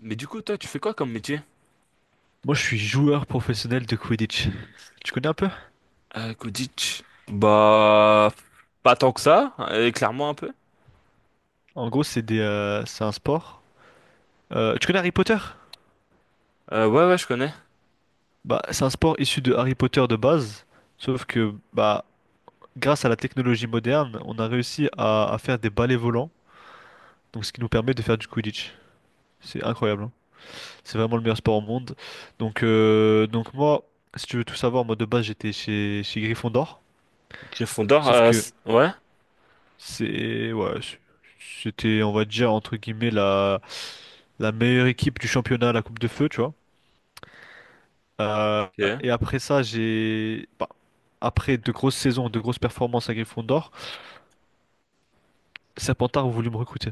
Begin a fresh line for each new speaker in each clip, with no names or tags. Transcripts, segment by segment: Mais du coup, toi, tu fais quoi comme métier?
Moi, je suis joueur professionnel de Quidditch. Tu connais un peu?
Kodich. Bah, pas tant que ça, clairement un peu.
En gros, c'est des, c'est un sport. Tu connais Harry Potter?
Ouais, ouais, je connais.
Bah, c'est un sport issu de Harry Potter de base, sauf que bah, grâce à la technologie moderne, on a réussi à faire des balais volants, donc ce qui nous permet de faire du Quidditch. C'est incroyable, hein. C'est vraiment le meilleur sport au monde. Donc moi, si tu veux tout savoir, moi de base j'étais chez Gryffondor,
Gryffondor,
sauf que
ouais,
c'est ouais, c'était, on va dire entre guillemets, la meilleure équipe du championnat à la Coupe de Feu, tu vois. Euh,
ok.
et après ça, j'ai bah, après de grosses saisons, de grosses performances à Gryffondor, Serpentard a voulu me recruter.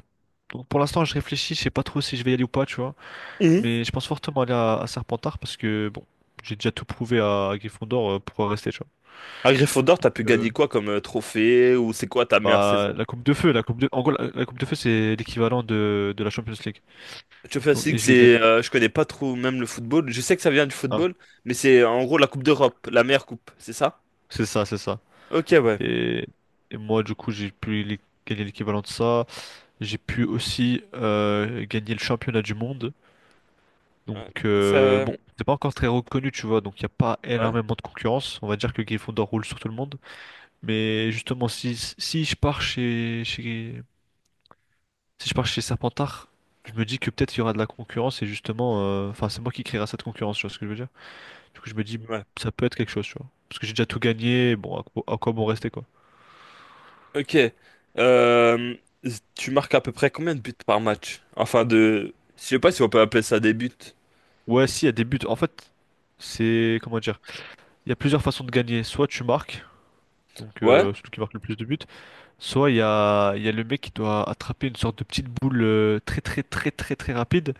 Donc pour l'instant, je réfléchis, je sais pas trop si je vais y aller ou pas, tu vois.
Mhm.
Mais je pense fortement aller à Serpentard parce que bon, j'ai déjà tout prouvé à Gryffondor pour rester, tu vois.
À Gryffondor,
Donc,
t'as pu
euh,
gagner quoi comme trophée ou c'est quoi ta meilleure
Bah
saison?
la Coupe de Feu, la Coupe de en gros la Coupe de Feu, c'est l'équivalent de la Champions League.
Tu fais
Donc,
aussi
et
que
je l'ai gagné.
c'est, je connais pas trop même le football. Je sais que ça vient du football, mais c'est en gros la Coupe d'Europe, la meilleure coupe, c'est ça?
C'est ça, c'est ça.
Ok, ouais.
Et, et moi, du coup, gagner l'équivalent de ça. J'ai pu aussi gagner le championnat du monde.
Ouais,
Donc,
ça,
bon, c'est pas encore très reconnu, tu vois. Donc, il n'y a pas
ouais,
énormément de concurrence. On va dire que Gryffondor roule sur tout le monde. Mais justement, si je pars si je pars chez Serpentard, je me dis que peut-être il y aura de la concurrence. Et justement, enfin, c'est moi qui créera cette concurrence, tu vois ce que je veux dire. Du coup, je me dis,
ouais.
ça peut être quelque chose, tu vois. Parce que j'ai déjà tout gagné. Bon, à quoi bon rester, quoi.
Ok. Euh, Tu marques à peu près combien de buts par match? Enfin de, je sais pas si on peut appeler ça des buts.
Ouais, si, il y a des buts. En fait, c'est... Comment dire? Il y a plusieurs façons de gagner. Soit tu marques, donc
Ouais?
celui qui marque le plus de buts. Soit il y a le mec qui doit attraper une sorte de petite boule très très très très très rapide.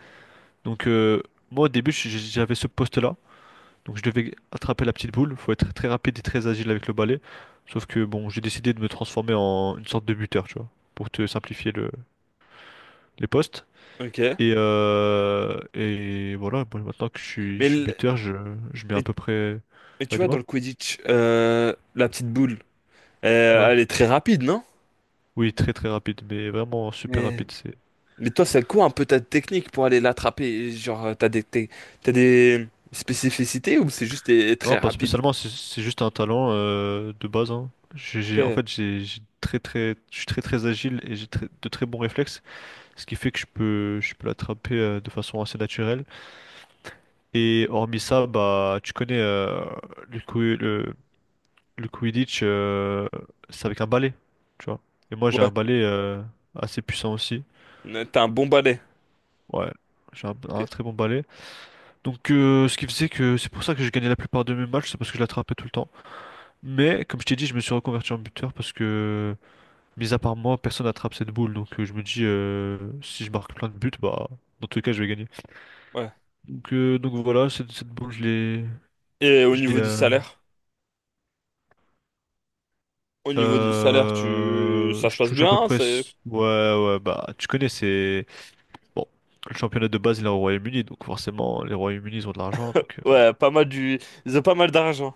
Donc euh, Moi, au début, j'avais ce poste-là. Donc je devais attraper la petite boule. Faut être très rapide et très agile avec le balai. Sauf que bon, j'ai décidé de me transformer en une sorte de buteur, tu vois. Pour te simplifier le... les postes.
Ok.
Et voilà, bon, maintenant que
Mais,
je suis
le-
buteur, je mets à
mais,
peu près.
mais tu
Ouais,
vois, dans
dis-moi?
le Quidditch, la petite boule,
Ouais.
elle est très rapide, non?
Oui, très très rapide, mais vraiment super
Mais,
rapide. C'est...
mais toi, c'est quoi un peu ta technique pour aller l'attraper? Genre, t'as des spécificités ou c'est juste t'es
Non,
très
pas
rapide?
spécialement, c'est juste un talent de base, hein. J'ai,
Ok.
j'ai- en
Ouais.
fait, j'ai, j'ai très très, je suis très très agile et j'ai de très bons réflexes, ce qui fait que je peux l'attraper de façon assez naturelle. Et hormis ça, bah, tu connais le, coup- le, le Quidditch, c'est avec un balai, tu vois. Et moi, j'ai un balai assez puissant aussi.
T'as un bon balai.
Ouais, j'ai
Ok.
un très bon balai. Donc, ce qui faisait que c'est pour ça que j'ai gagné la plupart de mes matchs, c'est parce que je l'attrapais tout le temps. Mais, comme je t'ai dit, je me suis reconverti en buteur parce que, mis à part moi, personne n'attrape cette boule. Donc, je me dis, si je marque plein de buts, bah, dans tous les cas, je vais gagner.
Ouais.
Donc voilà, cette boule, je l'ai.
Et au
Je l'ai.
niveau du salaire? Au niveau du salaire, tu, ça se
Je
passe
touche à peu
bien?
près. Ouais, ouais, bah, tu connais, c'est. Bon, le championnat de base, il est au Royaume-Uni, donc forcément, les Royaumes-Unis, ils ont de l'argent, donc
Ouais, pas mal du. Ils ont pas mal d'argent.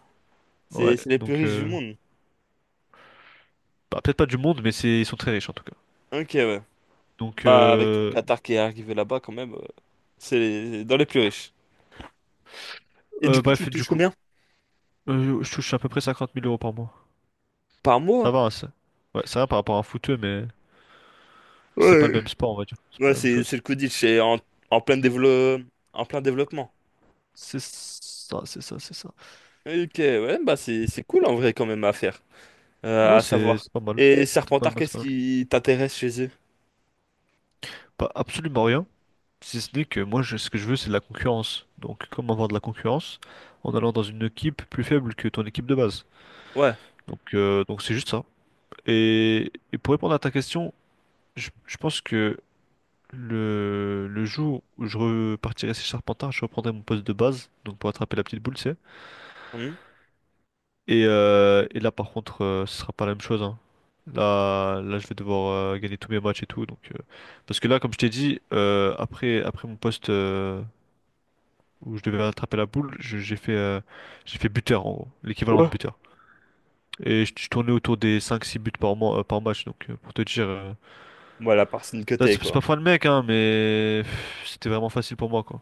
ouais,
C'est les plus riches du monde.
bah, peut-être pas du monde, mais c'est ils sont très riches en tout cas.
Ok, ouais.
Donc
Bah, avec tout le
euh,
Qatar qui est arrivé là-bas, quand même, c'est dans les plus riches. Et du
euh,
coup, tu
bref, du
touches
coup,
combien?
je touche à peu près 50 000 € par mois.
Par
Ça
mois?
va, hein, ça. Ouais, c'est rien par rapport à un footeux, mais c'est pas
Ouais.
le même sport, on va dire. C'est pas
Ouais,
la même
c'est
chose.
le Quidditch, c'est en, en plein dévelop- en plein développement.
C'est ça, c'est ça, c'est ça.
Ok, ouais, bah c'est cool en vrai quand même à faire,
Ouais,
à savoir.
c'est pas mal.
Et
C'est pas
Serpentard,
mal, c'est
qu'est-ce
pas mal.
qui t'intéresse chez eux?
Pas absolument rien, si ce n'est que moi, ce que je veux, c'est de la concurrence. Donc, comment avoir de la concurrence? En allant dans une équipe plus faible que ton équipe de base.
Ouais.
Donc c'est juste ça. Et pour répondre à ta question, je pense que le jour où je repartirai chez Charpentard, je reprendrai mon poste de base, donc pour attraper la petite boule, tu sais.
Hmm.
Et là, par contre, ce sera pas la même chose, hein. Là, je vais devoir gagner tous mes matchs et tout. Donc, parce que là, comme je t'ai dit, après mon poste où je devais attraper la boule, j'ai fait buteur, en gros, l'équivalent de
Ouais.
buteur. Et je tournais autour des 5 6 buts par match. Donc, pour te dire.
Moi, la personne que
Là,
t'es,
c'est
quoi.
pas fin de mec, hein, mais pff, c'était vraiment facile pour moi, quoi.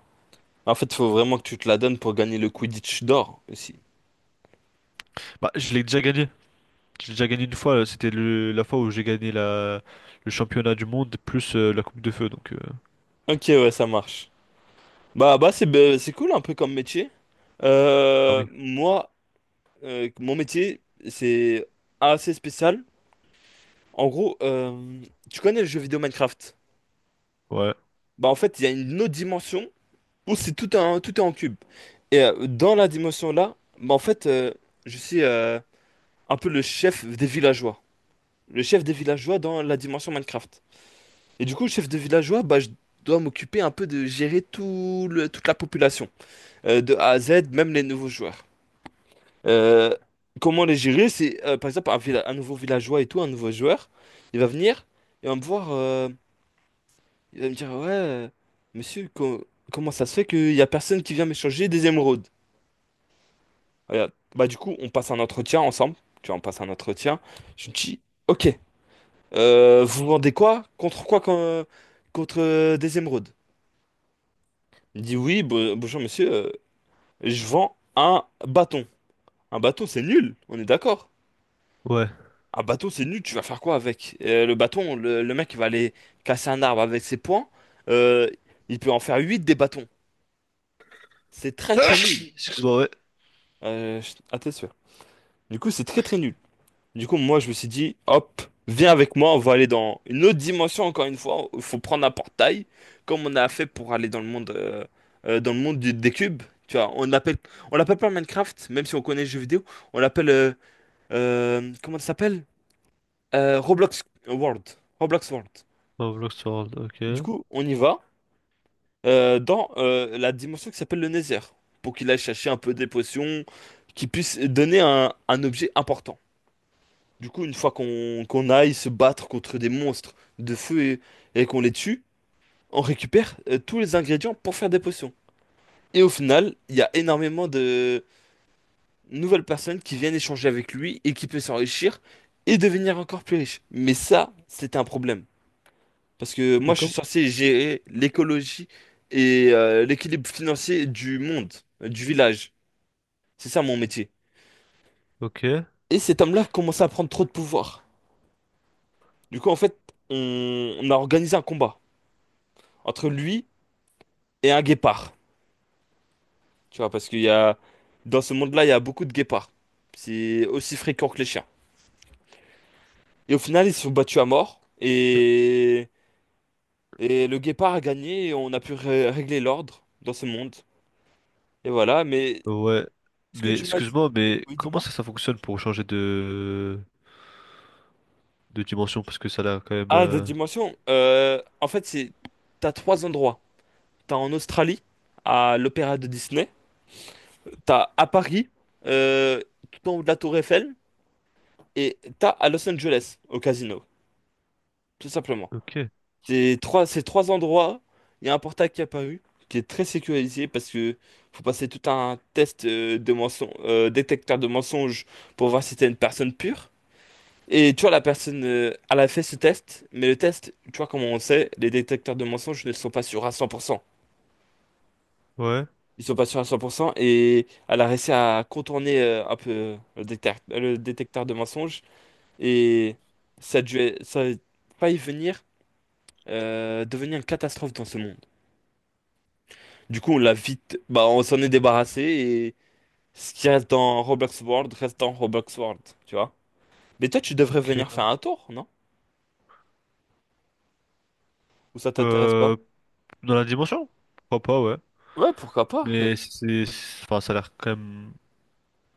En fait, faut vraiment que tu te la donnes pour gagner le Quidditch d'or aussi.
Bah, je l'ai déjà gagné. Je l'ai déjà gagné une fois. C'était le... la fois où j'ai gagné la... le championnat du monde plus la Coupe de Feu, donc... euh.
Ok, ouais, ça marche. Bah, c'est cool un peu comme métier.
Ah oui.
Moi, mon métier, c'est assez spécial. En gros, tu connais le jeu vidéo Minecraft?
Ouais.
Bah, en fait, il y a une autre dimension où tout est en cube. Et dans la dimension-là, bah, en fait, je suis un peu le chef des villageois. Le chef des villageois dans la dimension Minecraft. Et du coup, chef des villageois, bah, je dois m'occuper un peu de gérer toute la population, de A à Z, même les nouveaux joueurs. Euh, Comment les gérer? C'est par exemple un nouveau villageois et tout, un nouveau joueur. Il va venir, et va me voir, il va me dire, ouais, monsieur, comment ça se fait qu'il y a personne qui vient m'échanger des émeraudes? Regarde. Bah du coup, on passe un entretien ensemble. Tu vois, on passe un entretien. Je me dis, ok, vous vendez quoi? Contre des émeraudes? Il me dit, oui, bonjour monsieur, je vends un bâton. Un bâton, c'est nul, on est d'accord.
Ouais.
Un bateau, c'est nul, tu vas faire quoi avec? Le bâton, le mec il va aller casser un arbre avec ses poings. euh, il peut en faire 8 des bâtons. C'est très très nul.
Excuse-moi, ouais.
À tête sûre. Du coup, c'est très très nul. Du coup, moi je me suis dit, hop, viens avec moi, on va aller dans une autre dimension encore une fois. Il faut prendre un portail, comme on a fait pour aller dans le monde, des cubes. Tu vois, on l'appelle pas Minecraft, même si on connaît le jeu vidéo. On l'appelle, comment ça s'appelle? Roblox World. Roblox World.
Oh, Blox,
Du
ok.
coup, on y va dans la dimension qui s'appelle le Nether, pour qu'il aille chercher un peu des potions qui puissent donner un objet important. Du coup, une fois qu'on aille se battre contre des monstres de feu et qu'on les tue, on récupère tous les ingrédients pour faire des potions. Et au final, il y a énormément de nouvelles personnes qui viennent échanger avec lui et qui peuvent s'enrichir et devenir encore plus riches. Mais ça, c'est un problème. Parce que
Et
moi, je suis
comme...
censé gérer l'écologie et l'équilibre financier du monde, du village. C'est ça mon métier.
Ok.
Et cet homme-là commençait à prendre trop de pouvoir. Du coup, en fait, on a organisé un combat entre lui et un guépard. Tu vois, parce qu'il y a, dans ce monde-là, il y a beaucoup de guépards. C'est aussi fréquent que les chiens. Et au final, ils se sont battus à mort. Et le guépard a gagné et on a pu régler l'ordre dans ce monde. Et voilà, mais
Ouais.
ce que
Mais
tu m'as dit.
excuse-moi, mais
Oui,
comment
dis-moi.
ça, ça fonctionne pour changer de dimension? Parce que ça a l'air quand même...
Ah, d'autres
euh.
dimensions. En fait, c'est t'as trois endroits. T'as en Australie, à l'Opéra de Disney. T'as à Paris, euh, tout en haut de la Tour Eiffel. Et t'as à Los Angeles, au casino, tout simplement.
Ok.
Ces trois endroits, il y a un portail qui est apparu, qui est très sécurisé parce que faut passer tout un détecteur de mensonges pour voir si t'es une personne pure. Et tu vois, la personne, elle a fait ce test, mais le test, tu vois, comment on sait, les détecteurs de mensonges ne sont pas sûrs à 100%.
Ouais.
Ils sont pas sûrs à 100% et elle a réussi à contourner un peu le détecteur de mensonges et ça a failli venir devenir une catastrophe dans ce monde. Du coup, bah, on s'en est débarrassé et ce qui reste dans Roblox World reste dans Roblox World, tu vois. Mais toi, tu devrais venir
Ok.
faire un tour, non? Ou ça t'intéresse pas?
Euh... Dans la dimension? Pourquoi pas, ouais.
Ouais, pourquoi pas?
Mais c'est, enfin, ça a l'air quand même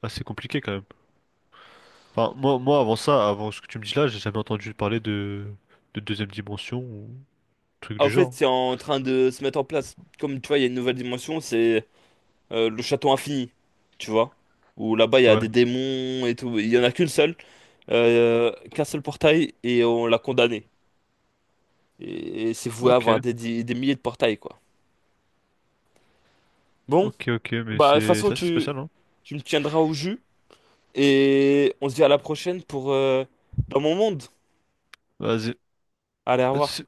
assez compliqué quand même. Enfin, moi, avant ça, avant ce que tu me dis là, j'ai jamais entendu parler de deuxième dimension ou truc
Ah, au
du
fait,
genre.
c'est en train de se mettre en place. Comme tu vois, il y a une nouvelle dimension, c'est le château infini, tu vois. Où là-bas, il y a des
Ouais.
démons et tout. Il y en a qu'un seul portail, et on l'a condamné. Et c'est voué à avoir
Ok,
des milliers de portails, quoi. Bon,
ok, mais
bah, de toute façon,
c'est assez
tu,
spécial, hein.
tu me tiendras au jus, et on se dit à la prochaine pour dans mon monde.
Vas-y.
Allez, au revoir.